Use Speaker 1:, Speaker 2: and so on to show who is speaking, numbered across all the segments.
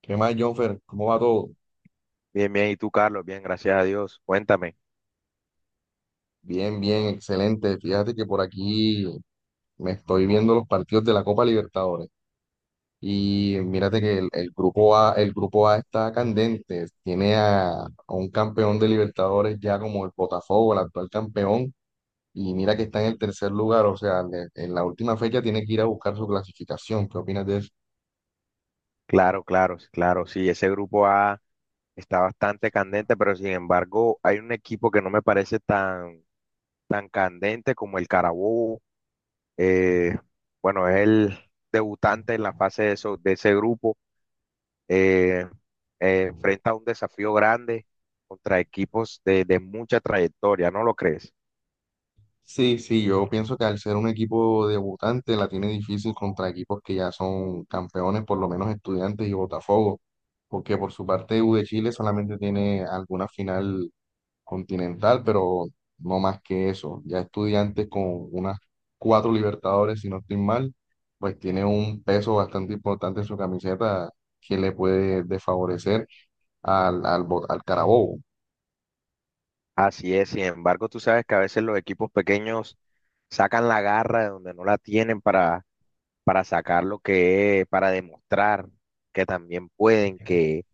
Speaker 1: ¿Qué más, Jonfer? ¿Cómo va todo?
Speaker 2: Bien, bien, ¿y tú, Carlos? Bien, gracias a Dios. Cuéntame.
Speaker 1: Bien, bien, excelente. Fíjate que por aquí me estoy viendo los partidos de la Copa Libertadores. Y mírate que el grupo A, el grupo A está candente. Tiene a un campeón de Libertadores ya como el Botafogo, el actual campeón. Y mira que está en el tercer lugar. O sea, en la última fecha tiene que ir a buscar su clasificación. ¿Qué opinas de eso?
Speaker 2: Claro, claro, claro. Sí, ese grupo A está bastante candente, pero sin embargo, hay un equipo que no me parece tan candente como el Carabobo. Eh, bueno, es el debutante en la fase de ese grupo. Eh, enfrenta un desafío grande contra equipos de mucha trayectoria, ¿no lo crees?
Speaker 1: Sí, sí, yo pienso que al ser un equipo debutante la tiene difícil contra equipos que ya son campeones, por lo menos Estudiantes y Botafogo, porque por su parte U de Chile solamente tiene alguna final continental, pero no más que eso. Ya Estudiantes con unas cuatro Libertadores, si no estoy mal, pues tiene un peso bastante importante en su camiseta que le puede desfavorecer al al Carabobo.
Speaker 2: Así es, sin embargo, tú sabes que a veces los equipos pequeños sacan la garra de donde no la tienen para sacar lo que es, para demostrar que también pueden, que,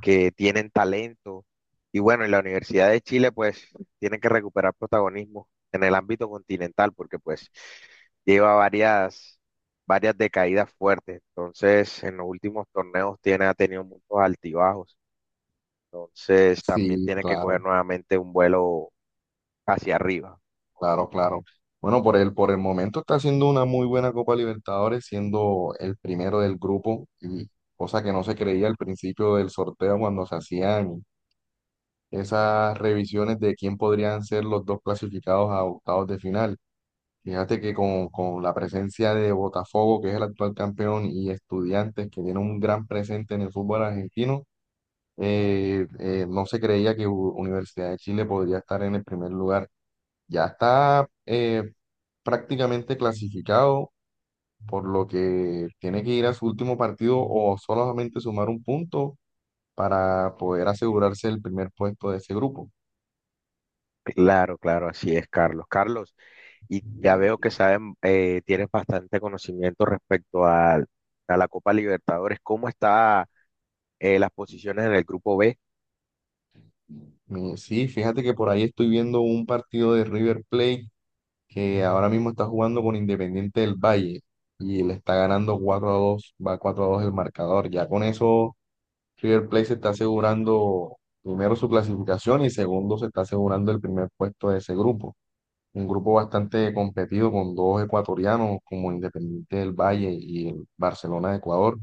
Speaker 2: que tienen talento. Y bueno, en la Universidad de Chile pues tienen que recuperar protagonismo en el ámbito continental porque pues lleva varias decaídas fuertes. Entonces, en los últimos torneos ha tenido muchos altibajos. Entonces, también
Speaker 1: Sí,
Speaker 2: tiene que
Speaker 1: claro.
Speaker 2: coger nuevamente un vuelo hacia arriba.
Speaker 1: Claro, claro. Bueno, por el momento está haciendo una muy buena Copa Libertadores, siendo el primero del grupo, y cosa que no se creía al principio del sorteo cuando se hacían esas revisiones de quién podrían ser los dos clasificados a octavos de final. Fíjate que con la presencia de Botafogo, que es el actual campeón, y Estudiantes, que tiene un gran presente en el fútbol argentino, no se creía que Universidad de Chile podría estar en el primer lugar. Ya está prácticamente clasificado, por lo que tiene que ir a su último partido o solamente sumar un punto para poder asegurarse el primer puesto de ese grupo.
Speaker 2: Claro, claro, así es, Carlos. Y ya veo que tienes bastante conocimiento respecto a la Copa Libertadores. ¿Cómo está las posiciones en el grupo B?
Speaker 1: Sí, fíjate que por ahí estoy viendo un partido de River Plate que ahora mismo está jugando con Independiente del Valle y le está ganando 4-2. Va 4 a 2 el marcador. Ya con eso River Plate se está asegurando primero su clasificación y segundo se está asegurando el primer puesto de ese grupo. Un grupo bastante competido con dos ecuatorianos como Independiente del Valle y el Barcelona de Ecuador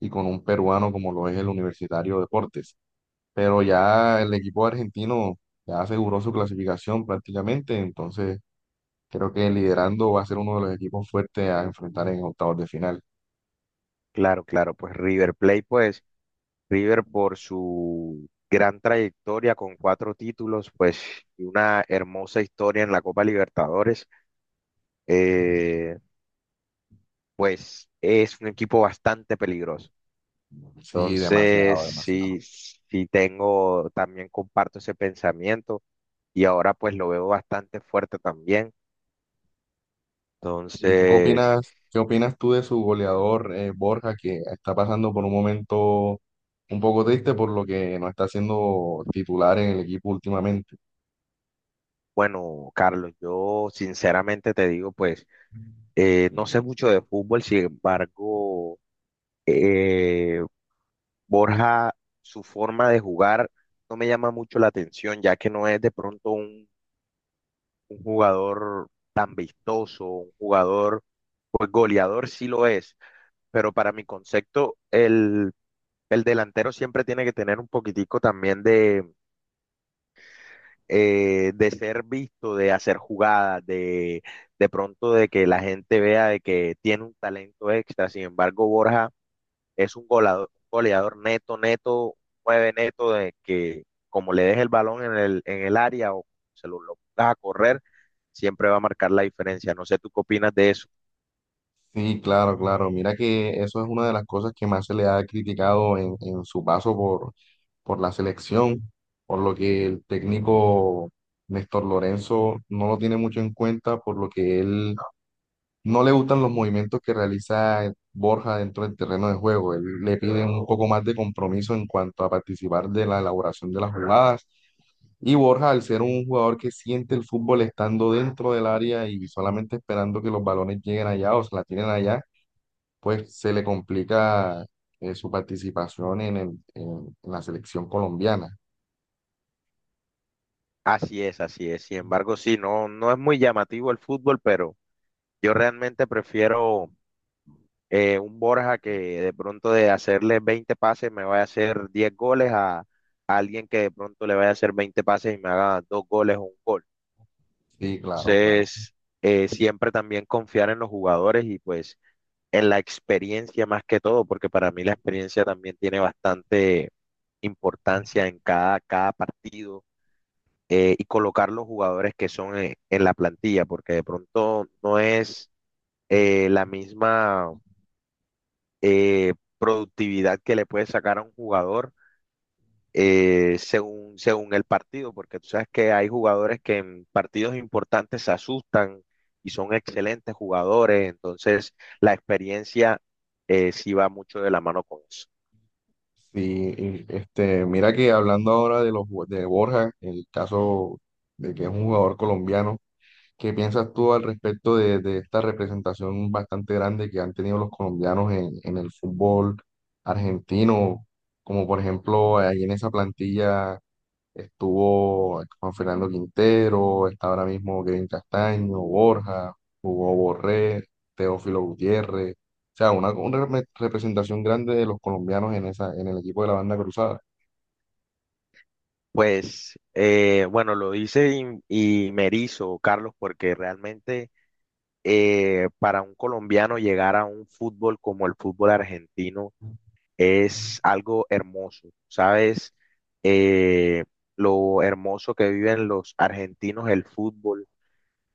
Speaker 1: y con un peruano como lo es el Universitario Deportes. Pero ya el equipo argentino ya aseguró su clasificación prácticamente, entonces creo que liderando va a ser uno de los equipos fuertes a enfrentar en octavos de final.
Speaker 2: Claro, claro, pues River Plate, pues River por su gran trayectoria con cuatro títulos, pues y una hermosa historia en la Copa Libertadores, eh, pues es un equipo bastante peligroso.
Speaker 1: Sí,
Speaker 2: Entonces,
Speaker 1: demasiado, demasiado.
Speaker 2: sí, sí también comparto ese pensamiento y ahora pues lo veo bastante fuerte también.
Speaker 1: ¿Y tú
Speaker 2: Entonces,
Speaker 1: qué opinas tú de su goleador Borja, que está pasando por un momento un poco triste por lo que no está siendo titular en el equipo últimamente?
Speaker 2: bueno, Carlos, yo sinceramente te digo, pues no sé mucho de fútbol, sin embargo, eh, Borja, su forma de jugar no me llama mucho la atención, ya que no es de pronto un jugador tan vistoso, un jugador, pues goleador sí lo es, pero para mi concepto, el delantero siempre tiene que tener un poquitico también de ser visto, de hacer jugadas, de pronto de que la gente vea de que tiene un talento extra. Sin embargo, Borja es un goleador, goleador neto, neto, nueve neto, de que como le deje el balón en el área o lo pongas a correr, siempre va a marcar la diferencia. No sé tú qué opinas de eso.
Speaker 1: Sí, claro, claro. Mira que eso es una de las cosas que más se le ha criticado en su paso por la selección, por lo que el técnico Néstor Lorenzo no lo tiene mucho en cuenta, por lo que él no le gustan los movimientos que realiza Borja dentro del terreno de juego. Él le piden un poco más de compromiso en cuanto a participar de la elaboración de las jugadas. Y Borja, al ser un jugador que siente el fútbol estando dentro del área y solamente esperando que los balones lleguen allá o se la tienen allá, pues se le complica su participación en la selección colombiana.
Speaker 2: Así es, así es. Sin embargo, sí, no, no es muy llamativo el fútbol, pero yo realmente prefiero un Borja que de pronto de hacerle 20 pases me vaya a hacer 10 goles a alguien que de pronto le vaya a hacer 20 pases y me haga dos goles o un gol.
Speaker 1: Sí, claro, claro.
Speaker 2: Entonces, siempre también confiar en los jugadores y pues en la experiencia más que todo, porque para mí la experiencia también tiene bastante importancia en cada partido, y colocar los jugadores que son, en la plantilla, porque de pronto no es, la misma, productividad que le puede sacar a un jugador, según el partido, porque tú sabes que hay jugadores que en partidos importantes se asustan y son excelentes jugadores. Entonces la experiencia, sí va mucho de la mano con eso.
Speaker 1: Sí, y, este, mira que hablando ahora de de Borja, el caso de que es un jugador colombiano, ¿qué piensas tú al respecto de esta representación bastante grande que han tenido los colombianos en el fútbol argentino? Como por ejemplo, ahí en esa plantilla estuvo Juan Fernando Quintero, está ahora mismo Kevin Castaño, Borja, Hugo Borré, Teófilo Gutiérrez. O sea, una representación grande de los colombianos en esa, en el equipo de la banda cruzada.
Speaker 2: Pues bueno, lo dice y me erizo, Carlos, porque realmente, para un colombiano llegar a un fútbol como el fútbol argentino, es algo hermoso, ¿sabes? Eh, lo hermoso que viven los argentinos el fútbol,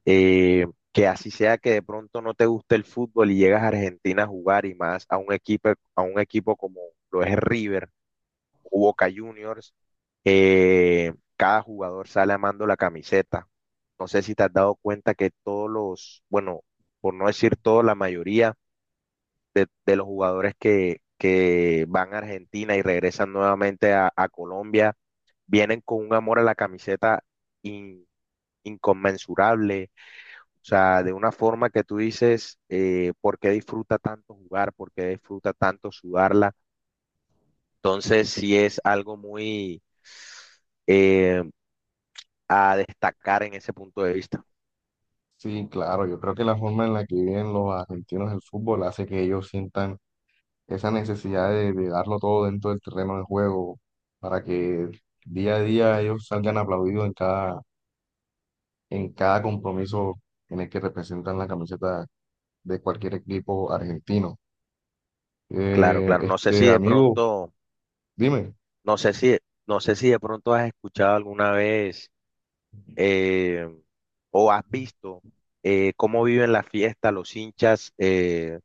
Speaker 2: eh, que así sea que de pronto no te guste el fútbol y llegas a Argentina a jugar y más a un equipo, como lo es River o Boca Juniors, cada jugador sale amando la camiseta. No sé si te has dado cuenta que todos los, bueno, por no decir todo, la mayoría de los jugadores que van a Argentina y regresan nuevamente a Colombia, vienen con un amor a la camiseta in- inconmensurable, o sea, de una forma que tú dices, ¿por qué disfruta tanto jugar? ¿Por qué disfruta tanto sudarla? Entonces, sí es algo muy, eh, a destacar en ese punto de vista.
Speaker 1: Sí, claro, yo creo que la forma en la que viven los argentinos el fútbol hace que ellos sientan esa necesidad de darlo todo dentro del terreno de juego para que día a día ellos salgan aplaudidos en cada compromiso en el que representan la camiseta de cualquier equipo argentino.
Speaker 2: Claro, claro. No sé si
Speaker 1: Este
Speaker 2: de
Speaker 1: amigo,
Speaker 2: pronto,
Speaker 1: dime.
Speaker 2: no sé si, no sé si de pronto has escuchado alguna vez, eh, o has visto, cómo viven la fiesta los hinchas,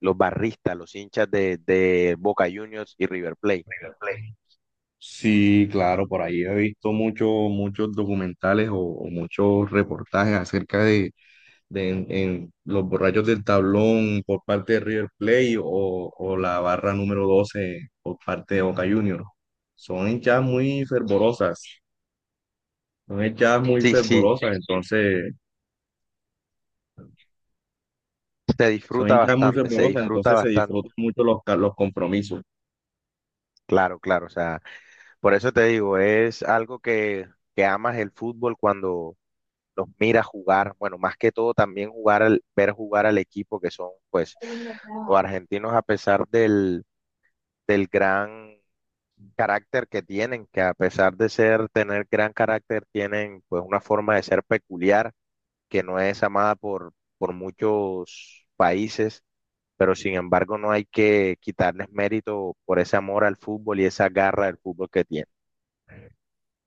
Speaker 2: los barristas, los hinchas de Boca Juniors y River Plate.
Speaker 1: River Plate. Sí, claro, por ahí he visto muchos documentales o muchos reportajes acerca de en los borrachos del tablón por parte de River Plate o la barra número 12 por parte de Boca Juniors. Son hinchas muy fervorosas, son hinchas muy
Speaker 2: Sí, sí,
Speaker 1: fervorosas, entonces,
Speaker 2: se
Speaker 1: Son
Speaker 2: disfruta
Speaker 1: hinchas muy
Speaker 2: bastante, se
Speaker 1: fervorosas,
Speaker 2: disfruta
Speaker 1: entonces se
Speaker 2: bastante.
Speaker 1: disfrutan mucho los compromisos.
Speaker 2: Claro, claro, o sea, por eso te digo, es algo que amas el fútbol cuando los miras jugar, bueno, más que todo también ver jugar al equipo que son, pues, los argentinos, a pesar del gran carácter que tienen, que a pesar de tener gran carácter, tienen pues una forma de ser peculiar, que no es amada por muchos países, pero sin embargo no hay que quitarles mérito por ese amor al fútbol y esa garra del fútbol que tienen.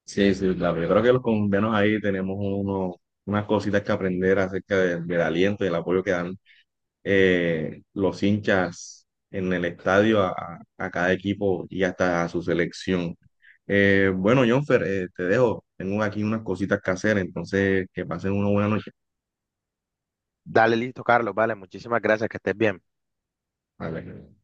Speaker 1: Sí, sí, claro. Yo creo que los colombianos ahí tenemos unas cositas que aprender acerca del aliento y el apoyo que dan los hinchas en el estadio a cada equipo y hasta a su selección. Bueno, Jonfer, te dejo. Tengo aquí unas cositas que hacer, entonces que pasen una buena noche.
Speaker 2: Dale, listo, Carlos, vale, muchísimas gracias, que estés bien.
Speaker 1: Vale.